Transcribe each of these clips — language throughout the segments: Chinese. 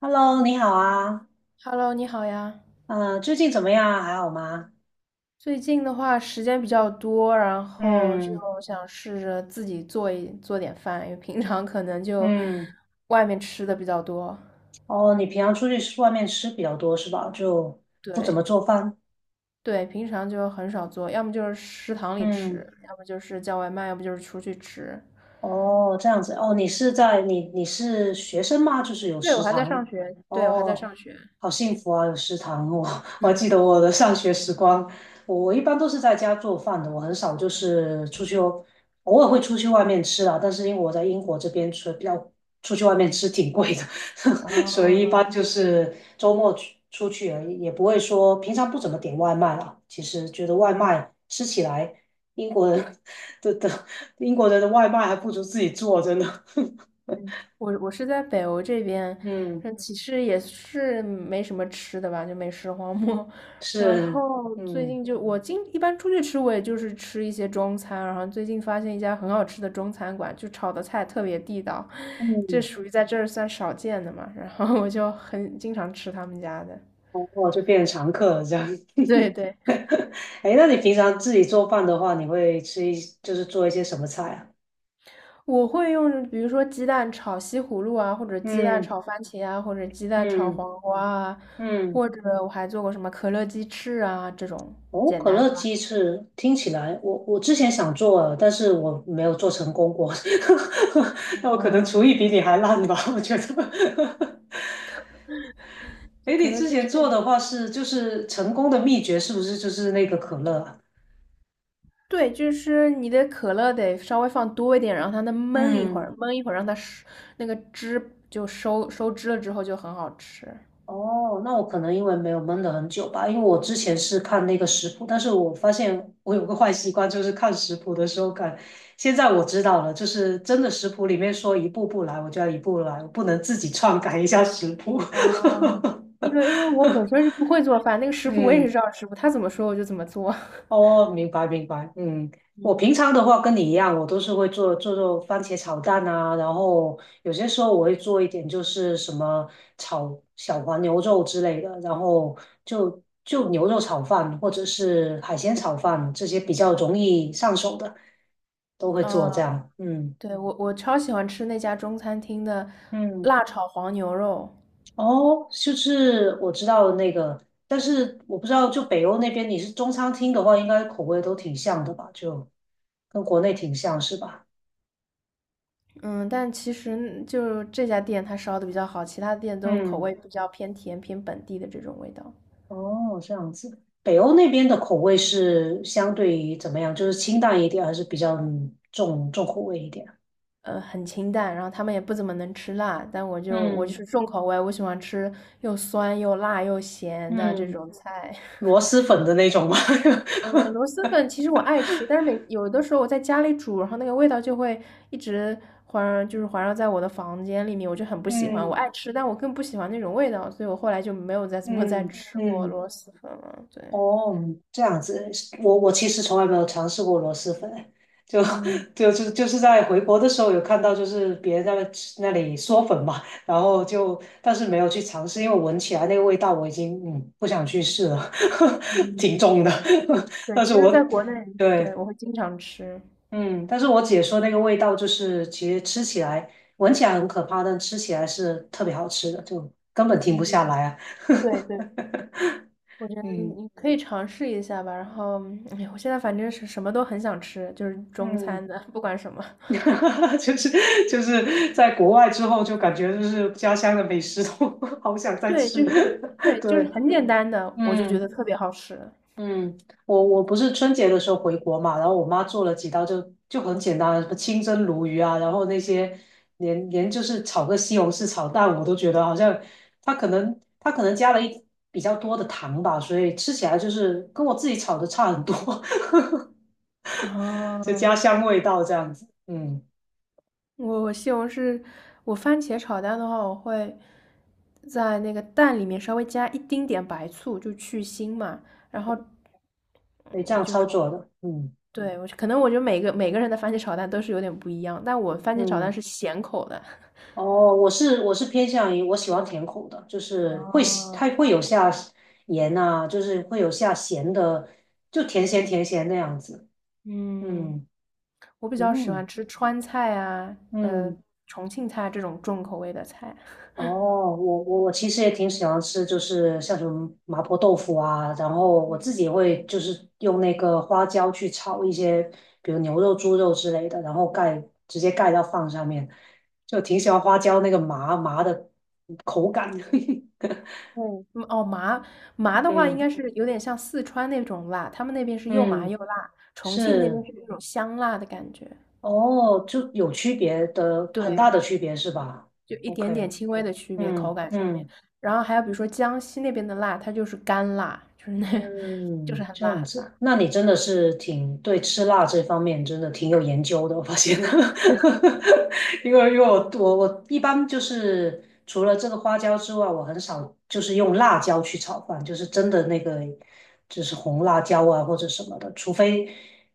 Hello，你好啊，Hello，你好呀。最近怎么样啊还好吗？最近的话时间比较多，然后就嗯想试着自己做一做点饭，因为平常可能就嗯。外面吃的比较多。哦，你平常出去吃外面吃比较多是吧？就不怎么对做饭。对，平常就很少做，要么就是食堂里嗯。吃，要么就是叫外卖，要不就是出去吃。哦，这样子哦，你是在你是学生吗？就是有对，我食还在堂。上学，对，我还在哦，上学。好幸福啊，有食堂我 我还记 得我的上学时光，我一般都是在家做饭的，我很少就是出去。哦，偶尔会出去外面吃啊，但是因为我在英国这边吃比较出去外面吃挺贵的。所以一哦，般就是周末去出去而已，也不会说平常不怎么点外卖了。其实觉得外嗯，卖吃起来。英国人的英国人的外卖还不如自己做，真的。我是在北欧这边，嗯，嗯，其实也是没什么吃的吧，就美食荒漠。然是，后最嗯近就我经一般出去吃，我也就是吃一些中餐。然后最近发现一家很好吃的中餐馆，就炒的菜特别地道，这嗯。属于在这儿算少见的嘛。然后我就很经常吃他们家的。然后就变成常客了这样。对对，哎，那你平常自己做饭的话，你会吃一就是做一些什么菜啊？我会用，比如说鸡蛋炒西葫芦啊，或者鸡蛋嗯炒番茄啊，或者鸡蛋炒嗯黄瓜啊，嗯。或者我还做过什么可乐鸡翅啊这种哦，简可单乐的吧。鸡翅听起来，我之前想做了，但是我没有做成功过。那我可能厨哦，艺比你还烂吧，我觉得。就哎，可你乐之鸡前翅，做的话是就是成功的秘诀是不是就是那个可乐啊？对，就是你的可乐得稍微放多一点，然后它焖一会儿，嗯。焖一会儿让它收那个汁就收收汁了之后就很好吃。哦，那我可能因为没有闷了很久吧，因为我之前是看那个食谱，但是我发现我有个坏习惯，就是看食谱的时候看。现在我知道了，就是真的食谱里面说一步步来，我就要一步步来，我不能自己篡改一下食谱。哦，因为我本身是不会做饭，那个师傅我也是嗯，照着师傅他怎么说我就怎么做。哦，明白明白，嗯，我平嗯，常的话跟你一样，我都是会做做番茄炒蛋啊，然后有些时候我会做一点就是什么炒小黄牛肉之类的，然后就牛肉炒饭或者是海鲜炒饭这些比较容易上手的，都会做这啊。样，嗯对，我超喜欢吃那家中餐厅的嗯。辣炒黄牛肉，哦，就是我知道那个，但是我不知道就北欧那边你是中餐厅的话，应该口味都挺像的吧，就跟国内挺像是吧？嗯，但其实就这家店它烧的比较好，其他店都口嗯。味比较偏甜、偏本地的这种味道，哦，这样子。北欧那边的口味是相对于怎么样？就是清淡一点，还是比较嗯重口味一点？很清淡，然后他们也不怎么能吃辣，但我就嗯是重口味，我喜欢吃又酸又辣又咸的这嗯，种菜。螺蛳粉的那种吗？嗯，螺蛳粉其实我爱吃，但是每有的时候我在家里煮，然后那个味道就会一直环，就是环绕在我的房间里面，我就很 不喜欢。我嗯爱吃，但我更不喜欢那种味道，所以我后来就没有再怎么 再嗯吃过嗯。螺蛳粉了。对，哦，这样子，我其实从来没有尝试过螺蛳粉，就 嗯 就是在回国的时候有看到，就是别人在那吃那里嗦粉嘛，然后就但是没有去尝试，因为闻起来那个味道我已经嗯不想去试了，挺嗯，重的。对，但是其实在我国内，对，对我会经常吃。嗯，但是我姐说那个味道就是其实吃起来闻起来很可怕，但吃起来是特别好吃的，就根本停不嗯，下来啊。对对，我觉 得嗯你可以尝试一下吧。然后，哎，我现在反正是什么都很想吃，就是中嗯。餐的，不管什么。哈哈，就是在国外之后，就感觉就是家乡的美食都 好想再对，吃。就是对，就是对，很简单的，我就觉得嗯特别好吃。嗯，我我不是春节的时候回国嘛，然后我妈做了几道就就很简单的，什么清蒸鲈鱼啊，然后那些就是炒个西红柿炒蛋，我都觉得好像她可能加了一比较多的糖吧，所以吃起来就是跟我自己炒的差很多，啊，就家乡味道这样子。嗯，我我西红柿，我番茄炒蛋的话，我会在那个蛋里面稍微加一丁点白醋，就去腥嘛。然后，所以这嗯，样就操是作的，嗯对我可能我觉得每个人的番茄炒蛋都是有点不一样，但我番茄炒蛋嗯。是咸口的。哦，我是偏向于我喜欢甜口的，就是会喜哦，它会有下盐呐、就是会有下咸的，就甜咸甜咸那样子。嗯，嗯我比较喜嗯欢吃川菜啊，呃，嗯，重庆菜这种重口味的菜。哦，我其实也挺喜欢吃，就是像什么麻婆豆腐啊，然后我自己也会就是用那个花椒去炒一些，比如牛肉、猪肉之类的，然后直接盖到饭上面，就挺喜欢花椒那个麻麻的口感。对，嗯哦，麻 的话，应嗯该是有点像四川那种辣，他们那边是又麻嗯。又辣，重庆那边是是那种香辣的感觉。哦，就有区别的，很对，大的区别是吧就一点点？OK，轻微的区别，口嗯感上面。嗯。然后还有比如说江西那边的辣，它就是干辣，就是那，就是嗯，很这辣样很辣。子，那你真的是挺对吃辣这方面真的挺有研究的，我发现，因为我对，我我一般就是除了这个花椒之外，我很少就是用辣椒去炒饭，就是真的那个就是红辣椒啊或者什么的，除非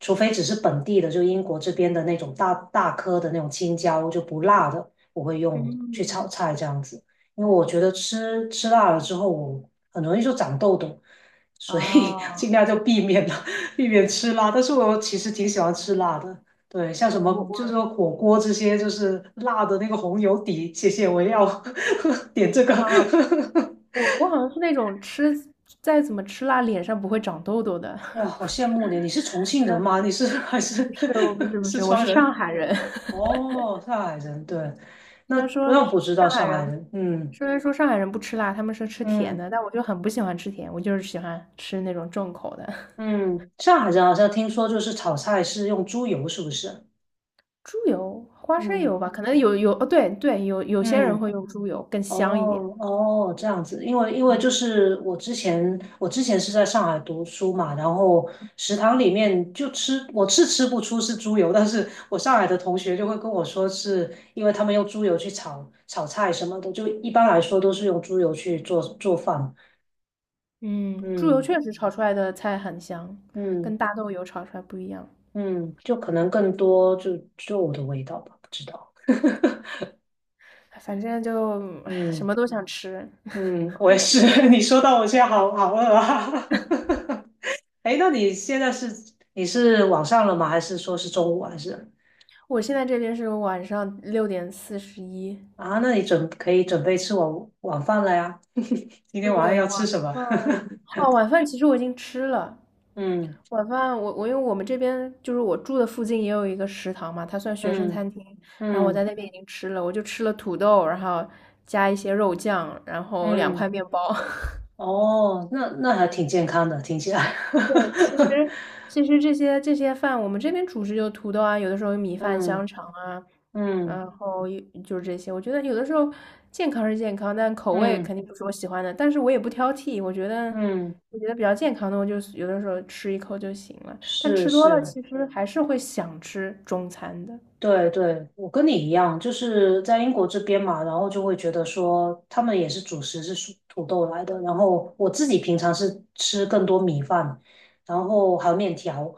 除非只是本地的，就英国这边的那种大大颗的那种青椒就不辣的，我会用去炒嗯，菜这样子，因为我对，觉得吃辣了之后，我很容易就长痘痘。所以 哦，尽量就避免了，避免吃辣。但是我其实挺喜欢吃辣的，对，像什对我么就是我 说火锅这些，就是辣的那个红油底，谢谢，我要 点这 个。啊，我好像是那种吃再怎么吃辣，脸上不会长痘痘的。哇，好 羡慕你！你是重庆人吗？你是还不是 是，我不是 不四是，我川是上人？海人。哦，上海人，对，那虽然说那上不知道海上海人，人，嗯虽然说上海人不吃辣，他们是吃甜嗯的，但我就很不喜欢吃甜，我就是喜欢吃那种重口的。嗯，上海人好像听说就是炒菜是用猪油，是不是？猪油、花生嗯油吧，可能有哦，对对，有些人嗯。会用猪油，更香一点。哦哦，这样子，因为嗯就是我之前是在上海读书嘛，然后食堂里面就吃我是吃不出是猪油，但是我上海的同学就会跟我说，是因为他们用猪油去炒菜什么的，就一般来说都是用猪油去做饭，嗯，猪油嗯确实炒出来的菜很香，嗯跟大豆油炒出来不一样。嗯，就可能更多就我的味道吧，不知道，哎反正就唉什嗯么都想吃。嗯，我也是，你说到我现在好好饿啊。哎，那你现在是你是晚上了吗？还是说是中午啊还是我现在这边是晚上6:41，啊？那你准可以准备吃晚饭了呀。今天晚上对，要吃晚什么？饭 哦，晚饭其实我已经吃了，嗯晚饭我因为我们这边就是我住的附近也有一个食堂嘛，它算学生嗯餐厅，然后我在嗯那边已经吃了，我就吃了土豆，然后加一些肉酱，然后两块嗯，面包。哦，那那还挺健康的，听起来。对，其实这些饭，我们这边主食就土豆啊，有的时候有米饭、香嗯肠啊，嗯然后也就是这些。我觉得有的时候健康是健康，但口味肯嗯定不是我喜欢的，但是我也不挑剔。我觉得嗯，我觉得比较健康的，我就有的时候吃一口就行了。但是吃多了，是。其实还是会想吃中餐的。对对，我跟你一样，就是在英国这边嘛，然后就会觉得说他们也是主食是属土豆来的，然后我自己平常是吃更多米饭，然后还有面条，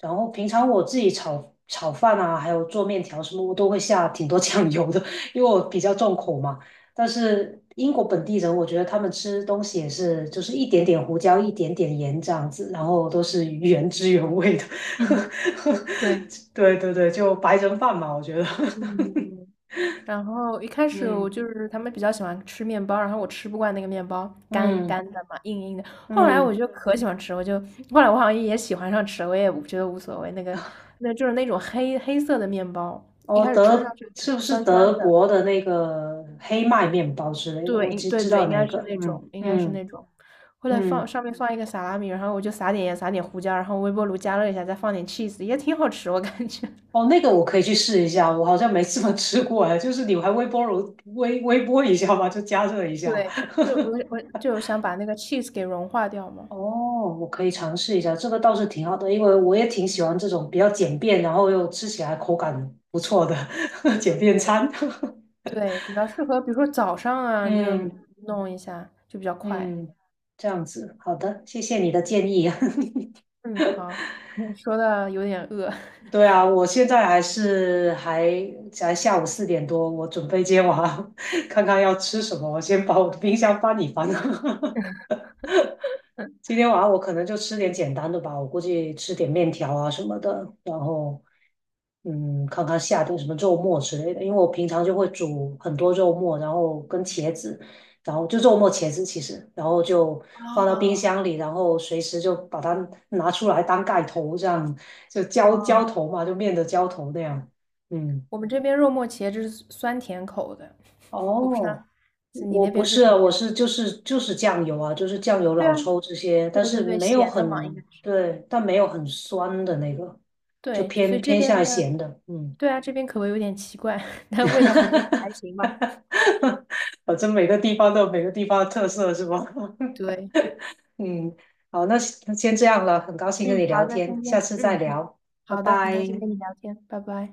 然后平常我自己炒饭啊，还有做面条什么，我都会下挺多 酱油的，因为我比较重口嘛。但是英国本地人，我觉得他们吃东西也是，就是一点点胡椒，一点点盐这样子，然后都是原汁原味的。嗯，对。对对对，就白人饭嘛，我觉得。嗯，然后一开始我嗯就是他们比较喜欢吃面包，然后我吃不惯那个面包，干嗯干的嘛，硬硬的。后来我嗯，就可喜欢吃，后来我好像也喜欢上吃了，我也觉得无所谓。那就是那种黑黑色的面包，一哦，开始吃上去有点是不是酸酸德的，国的那个黑麦面包之类的？对，我应只对知对，道应那该是个。那嗯种，应该是嗯那种。后来放嗯，上面放一个萨拉米，然后我就撒点盐，撒点胡椒，然后微波炉加热一下，再放点 cheese，也挺好吃，我感觉。哦，那个我可以去试一下，我好像没怎么吃过哎，就是你还微波炉微波一下吧，就加热一下。对，就我 我就想把那个 cheese 给融化掉嘛。哦，我可以尝试一下，这个倒是挺好的，因为我也挺喜欢这种比较简便，然后又吃起来口感不错的 简便餐。对，比较适合，比如说早上啊，你就嗯弄一下，就比较快。嗯，这样子，好的，谢谢你的建议。嗯，好，说的有点饿。对啊，我现在还是还才下午4点多，我准备接娃，看看要吃什么，我先把我的冰箱翻一翻。今天晚上我可能就吃点简单的吧，我估计吃点面条啊什么的，然后嗯，看看下顿什么肉末之类的，因为我平常就会煮很多肉末，然后跟茄子，然后就肉末茄子其实，然后就放到冰啊。箱里，然后随时就把它拿出来当盖头，这样就浇哦，头嘛，就面的浇头那样。嗯，我们这边肉末茄汁是酸甜口的，我不知道，哦，是你我那不边是是什啊，么我样的？是就是酱油啊，就是酱油、对老啊，抽这些，但对是对对，没有咸的嘛，应该很，是。对，但没有很酸的那个，就对，就所偏以这偏边向的，咸的，嗯。对啊，这边口味有点奇怪，但味道还是还行 吧。反正每个地方都有每个地方的特色，是吧？对，嗯，好，那先这样了，很高兴跟嗯，你聊好，那天，今下天，次再嗯，聊，拜好的，很开心拜。跟你聊天，拜拜。